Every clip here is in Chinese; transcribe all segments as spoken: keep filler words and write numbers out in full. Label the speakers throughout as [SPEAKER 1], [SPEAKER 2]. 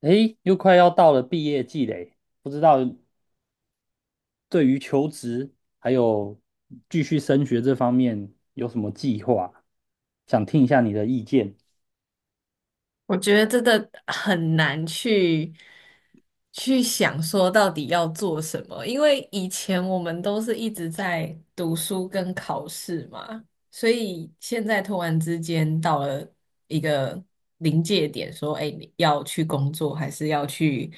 [SPEAKER 1] 诶，又快要到了毕业季嘞，不知道对于求职还有继续升学这方面有什么计划？想听一下你的意见。
[SPEAKER 2] 我觉得真的很难去去想说到底要做什么，因为以前我们都是一直在读书跟考试嘛，所以现在突然之间到了一个临界点，说，哎，你要去工作还是要去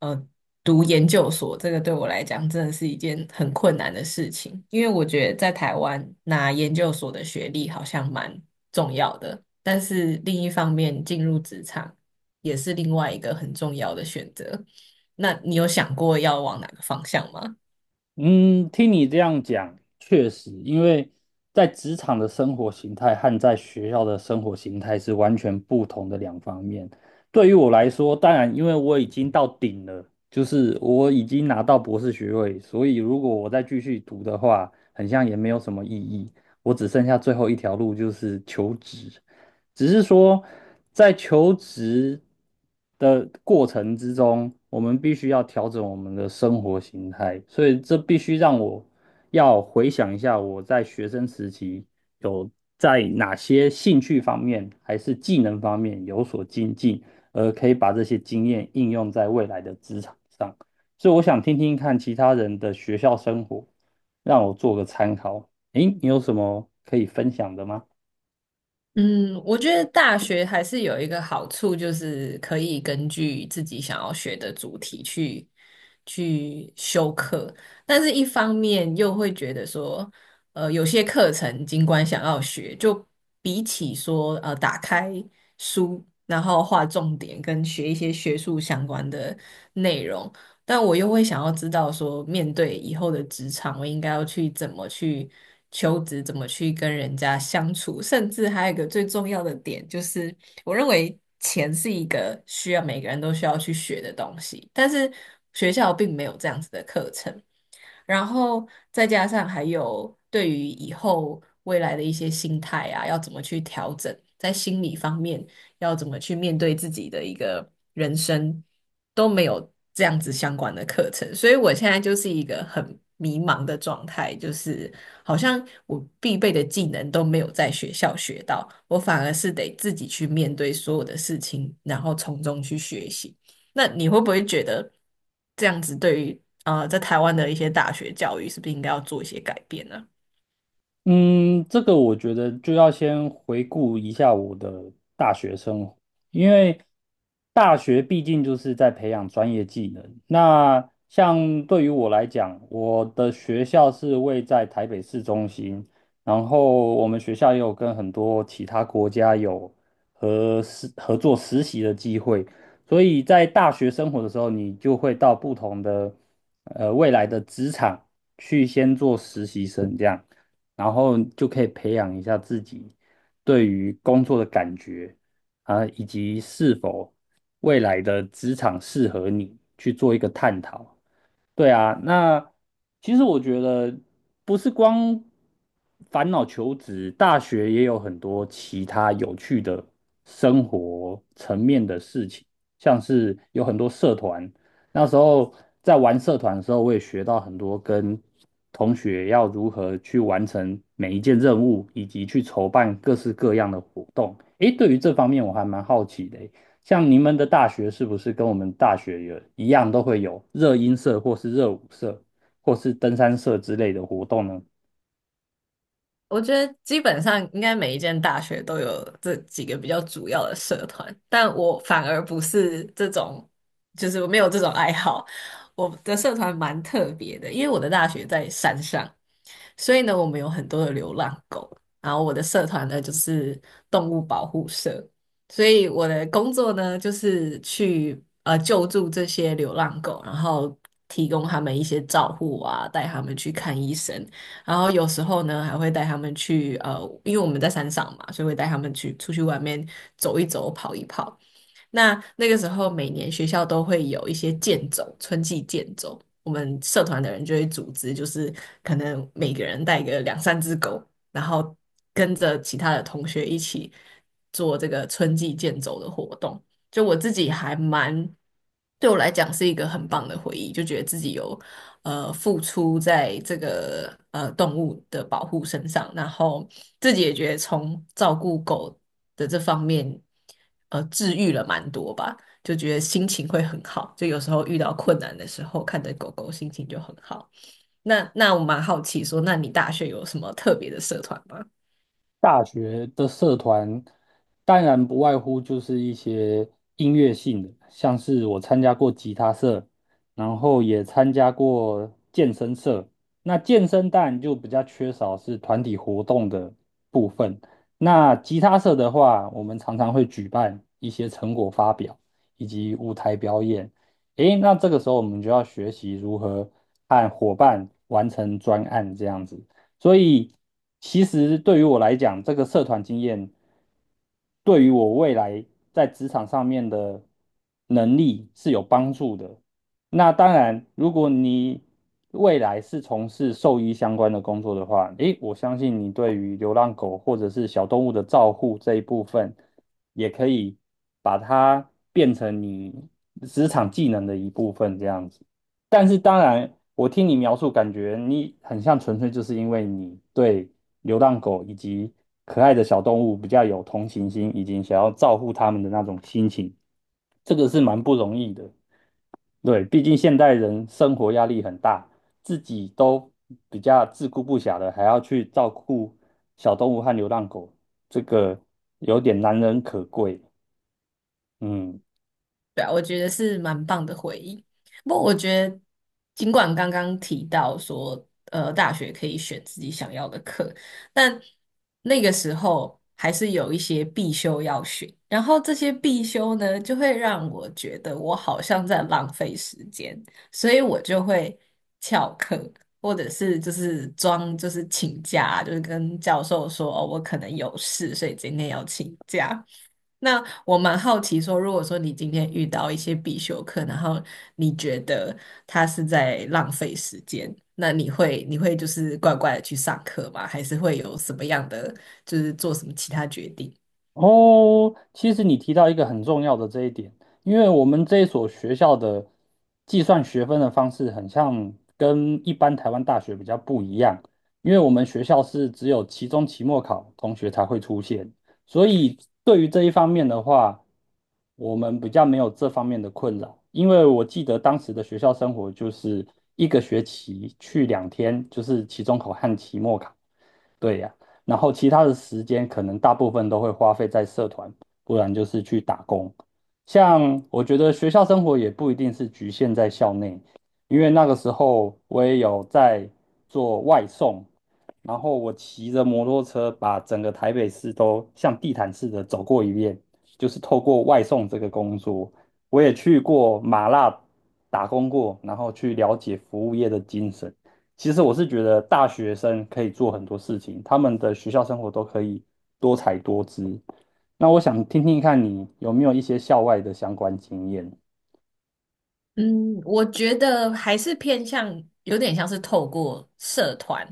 [SPEAKER 2] 呃读研究所？这个对我来讲真的是一件很困难的事情，因为我觉得在台湾拿研究所的学历好像蛮重要的，但是另一方面进入职场也是另外一个很重要的选择。那你有想过要往哪个方向吗？
[SPEAKER 1] 嗯，听你这样讲，确实，因为在职场的生活形态和在学校的生活形态是完全不同的两方面。对于我来说，当然，因为我已经到顶了，就是我已经拿到博士学位，所以如果我再继续读的话，很像也没有什么意义。我只剩下最后一条路，就是求职。只是说在求职的过程之中，我们必须要调整我们的生活形态，所以这必须让我要回想一下我在学生时期有在哪些兴趣方面还是技能方面有所精进，而可以把这些经验应用在未来的职场上。所以我想听听看其他人的学校生活，让我做个参考。诶，你有什么可以分享的吗？
[SPEAKER 2] 嗯，我觉得大学还是有一个好处，就是可以根据自己想要学的主题去去修课，但是一方面又会觉得说，呃，有些课程尽管想要学，就比起说呃打开书，然后画重点跟学一些学术相关的内容，但我又会想要知道说，面对以后的职场，我应该要去怎么去求职，怎么去跟人家相处，甚至还有一个最重要的点，就是我认为钱是一个需要每个人都需要去学的东西，但是学校并没有这样子的课程。然后再加上还有对于以后未来的一些心态啊，要怎么去调整，在心理方面要怎么去面对自己的一个人生，都没有这样子相关的课程，所以我现在就是一个很迷茫的状态，就是好像我必备的技能都没有在学校学到，我反而是得自己去面对所有的事情，然后从中去学习。那你会不会觉得这样子对于呃在台湾的一些大学教育是不是应该要做一些改变呢？
[SPEAKER 1] 嗯，这个我觉得就要先回顾一下我的大学生活，因为大学毕竟就是在培养专业技能。那像对于我来讲，我的学校是位在台北市中心，然后我们学校也有跟很多其他国家有和实合作实习的机会，所以在大学生活的时候，你就会到不同的呃未来的职场去先做实习生这样。然后就可以培养一下自己对于工作的感觉啊，以及是否未来的职场适合你去做一个探讨。对啊，那其实我觉得不是光烦恼求职，大学也有很多其他有趣的生活层面的事情，像是有很多社团。那时候在玩社团的时候，我也学到很多跟同学要如何去完成每一件任务，以及去筹办各式各样的活动。诶，对于这方面我还蛮好奇的。像你们的大学是不是跟我们大学也一样，都会有热音社或是热舞社或是登山社之类的活动呢？
[SPEAKER 2] 我觉得基本上应该每一间大学都有这几个比较主要的社团，但我反而不是这种，就是我没有这种爱好。我的社团蛮特别的，因为我的大学在山上，所以呢，我们有很多的流浪狗，然后我的社团呢就是动物保护社，所以我的工作呢就是去呃救助这些流浪狗，然后提供他们一些照护啊，带他们去看医生，然后有时候呢还会带他们去呃，因为我们在山上嘛，所以会带他们去出去外面走一走、跑一跑。那那个时候每年学校都会有一些健走，春季健走，我们社团的人就会组织，就是可能每个人带个两三只狗，然后跟着其他的同学一起做这个春季健走的活动。就我自己还蛮，对我来讲是一个很棒的回忆，就觉得自己有呃付出在这个呃动物的保护身上，然后自己也觉得从照顾狗的这方面，呃，治愈了蛮多吧，就觉得心情会很好，就有时候遇到困难的时候，看着狗狗心情就很好。那那我蛮好奇说，那你大学有什么特别的社团吗？
[SPEAKER 1] 大学的社团，当然不外乎就是一些音乐性的，像是我参加过吉他社，然后也参加过健身社。那健身当然就比较缺少是团体活动的部分。那吉他社的话，我们常常会举办一些成果发表以及舞台表演。诶，那这个时候我们就要学习如何按伙伴完成专案这样子。所以其实对于我来讲，这个社团经验对于我未来在职场上面的能力是有帮助的。那当然，如果你未来是从事兽医相关的工作的话，诶，我相信你对于流浪狗或者是小动物的照护这一部分，也可以把它变成你职场技能的一部分，这样子。但是当然，我听你描述，感觉你很像纯粹就是因为你对流浪狗以及可爱的小动物比较有同情心，以及想要照顾它们的那种心情，这个是蛮不容易的。对，毕竟现代人生活压力很大，自己都比较自顾不暇的，还要去照顾小动物和流浪狗，这个有点难能可贵。嗯。
[SPEAKER 2] 对啊，我觉得是蛮棒的回忆。不过我觉得，尽管刚刚提到说，呃，大学可以选自己想要的课，但那个时候还是有一些必修要选。然后这些必修呢，就会让我觉得我好像在浪费时间，所以我就会翘课，或者是就是装就是请假，就是跟教授说，哦，我可能有事，所以今天要请假。那我蛮好奇说，如果说你今天遇到一些必修课，然后你觉得他是在浪费时间，那你会你会就是乖乖的去上课吗？还是会有什么样的就是做什么其他决定？
[SPEAKER 1] 哦，其实你提到一个很重要的这一点，因为我们这一所学校的计算学分的方式很像跟一般台湾大学比较不一样，因为我们学校是只有期中、期末考同学才会出现，所以对于这一方面的话，我们比较没有这方面的困扰。因为我记得当时的学校生活就是一个学期去两天，就是期中考和期末考。对呀，然后其他的时间可能大部分都会花费在社团，不然就是去打工。像我觉得学校生活也不一定是局限在校内，因为那个时候我也有在做外送，然后我骑着摩托车把整个台北市都像地毯似的走过一遍，就是透过外送这个工作，我也去过麻辣打工过，然后去了解服务业的精神。其实我是觉得大学生可以做很多事情，他们的学校生活都可以多彩多姿。那我想听听看你有没有一些校外的相关经验。
[SPEAKER 2] 嗯，我觉得还是偏向有点像是透过社团，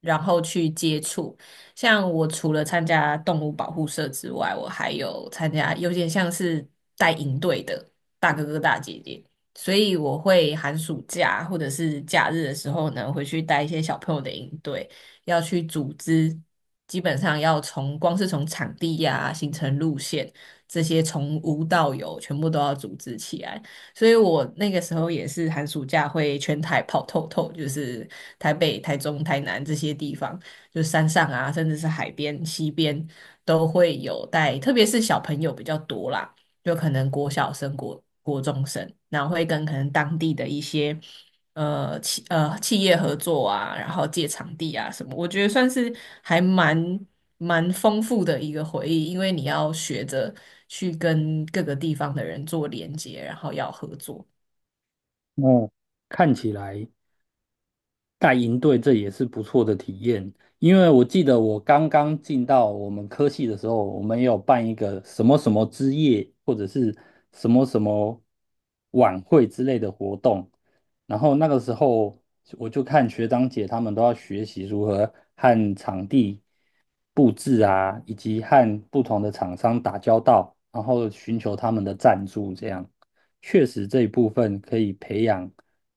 [SPEAKER 2] 然后去接触。像我除了参加动物保护社之外，我还有参加有点像是带营队的大哥哥大姐姐，所以我会寒暑假或者是假日的时候呢，回去带一些小朋友的营队，要去组织。基本上要从光是从场地呀、行程路线这些从无到有，全部都要组织起来。所以我那个时候也是寒暑假会全台跑透透，就是台北、台中、台南这些地方，就山上啊，甚至是海边、西边都会有带，特别是小朋友比较多啦，就可能国小生、国国中生，然后会跟可能当地的一些呃企呃企业合作啊，然后借场地啊什么，我觉得算是还蛮蛮丰富的一个回忆，因为你要学着去跟各个地方的人做连接，然后要合作。
[SPEAKER 1] 哦，看起来带营队这也是不错的体验，因为我记得我刚刚进到我们科系的时候，我们也有办一个什么什么之夜，或者是什么什么晚会之类的活动，然后那个时候我就看学长姐他们都要学习如何和场地。布置啊，以及和不同的厂商打交道，然后寻求他们的赞助，这样确实这一部分可以培养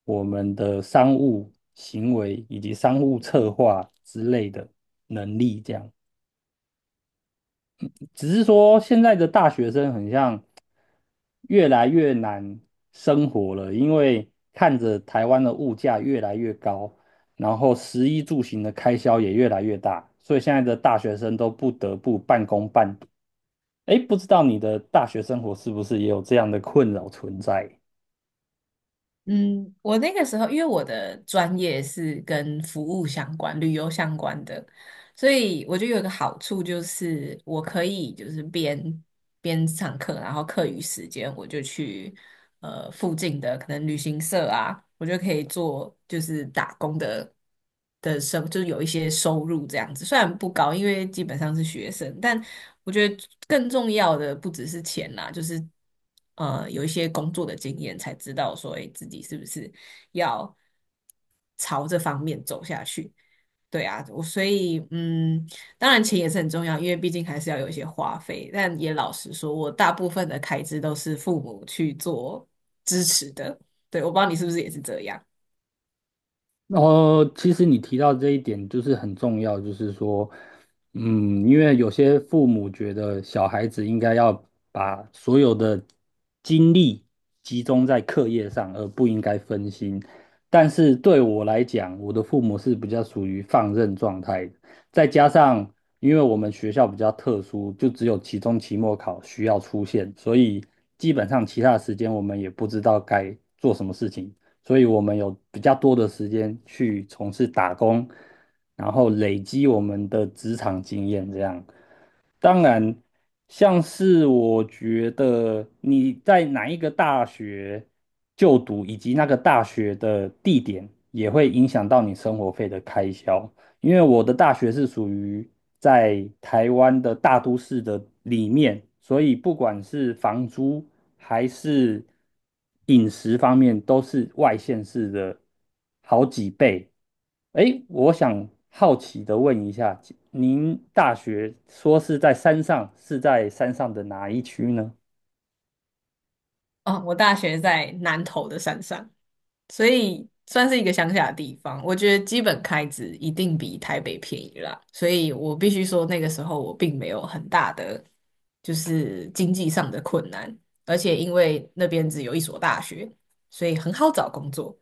[SPEAKER 1] 我们的商务行为以及商务策划之类的能力，这样。只是说现在的大学生很像越来越难生活了，因为看着台湾的物价越来越高，然后食衣住行的开销也越来越大，所以现在的大学生都不得不半工半读。哎，不知道你的大学生活是不是也有这样的困扰存在？
[SPEAKER 2] 嗯，我那个时候因为我的专业是跟服务相关、旅游相关的，所以我觉得有一个好处就是，我可以就是边边上课，然后课余时间我就去呃附近的可能旅行社啊，我就可以做就是打工的的生，就是有一些收入这样子。虽然不高，因为基本上是学生，但我觉得更重要的不只是钱啦，就是呃有一些工作的经验，才知道说，诶自己是不是要朝这方面走下去。对啊，我所以嗯，当然钱也是很重要，因为毕竟还是要有一些花费。但也老实说，我大部分的开支都是父母去做支持的。对，我不知道你是不是也是这样。
[SPEAKER 1] 然后，其实你提到这一点就是很重要，就是说，嗯，因为有些父母觉得小孩子应该要把所有的精力集中在课业上，而不应该分心。但是对我来讲，我的父母是比较属于放任状态的，再加上因为我们学校比较特殊，就只有期中、期末考需要出现，所以基本上其他的时间我们也不知道该做什么事情。所以我们有比较多的时间去从事打工，然后累积我们的职场经验。这样，当然，像是我觉得你在哪一个大学就读，以及那个大学的地点，也会影响到你生活费的开销。因为我的大学是属于在台湾的大都市的里面，所以不管是房租还是饮食方面，都是外县市的好几倍。诶，我想好奇的问一下，您大学说是在山上，是在山上的哪一区呢？
[SPEAKER 2] 啊？我大学在南投的山上，所以算是一个乡下的地方。我觉得基本开支一定比台北便宜啦，所以我必须说那个时候我并没有很大的就是经济上的困难，而且因为那边只有一所大学，所以很好找工作，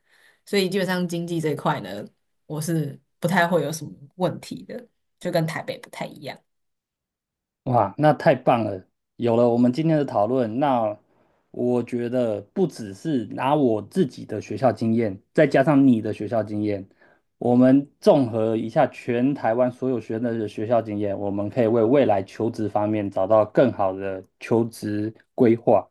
[SPEAKER 2] 所以基本上经济这一块呢，我是不太会有什么问题的，就跟台北不太一样。
[SPEAKER 1] 哇，那太棒了！有了我们今天的讨论，那我觉得不只是拿我自己的学校经验，再加上你的学校经验，我们综合一下全台湾所有学生的学校经验，我们可以为未来求职方面找到更好的求职规划。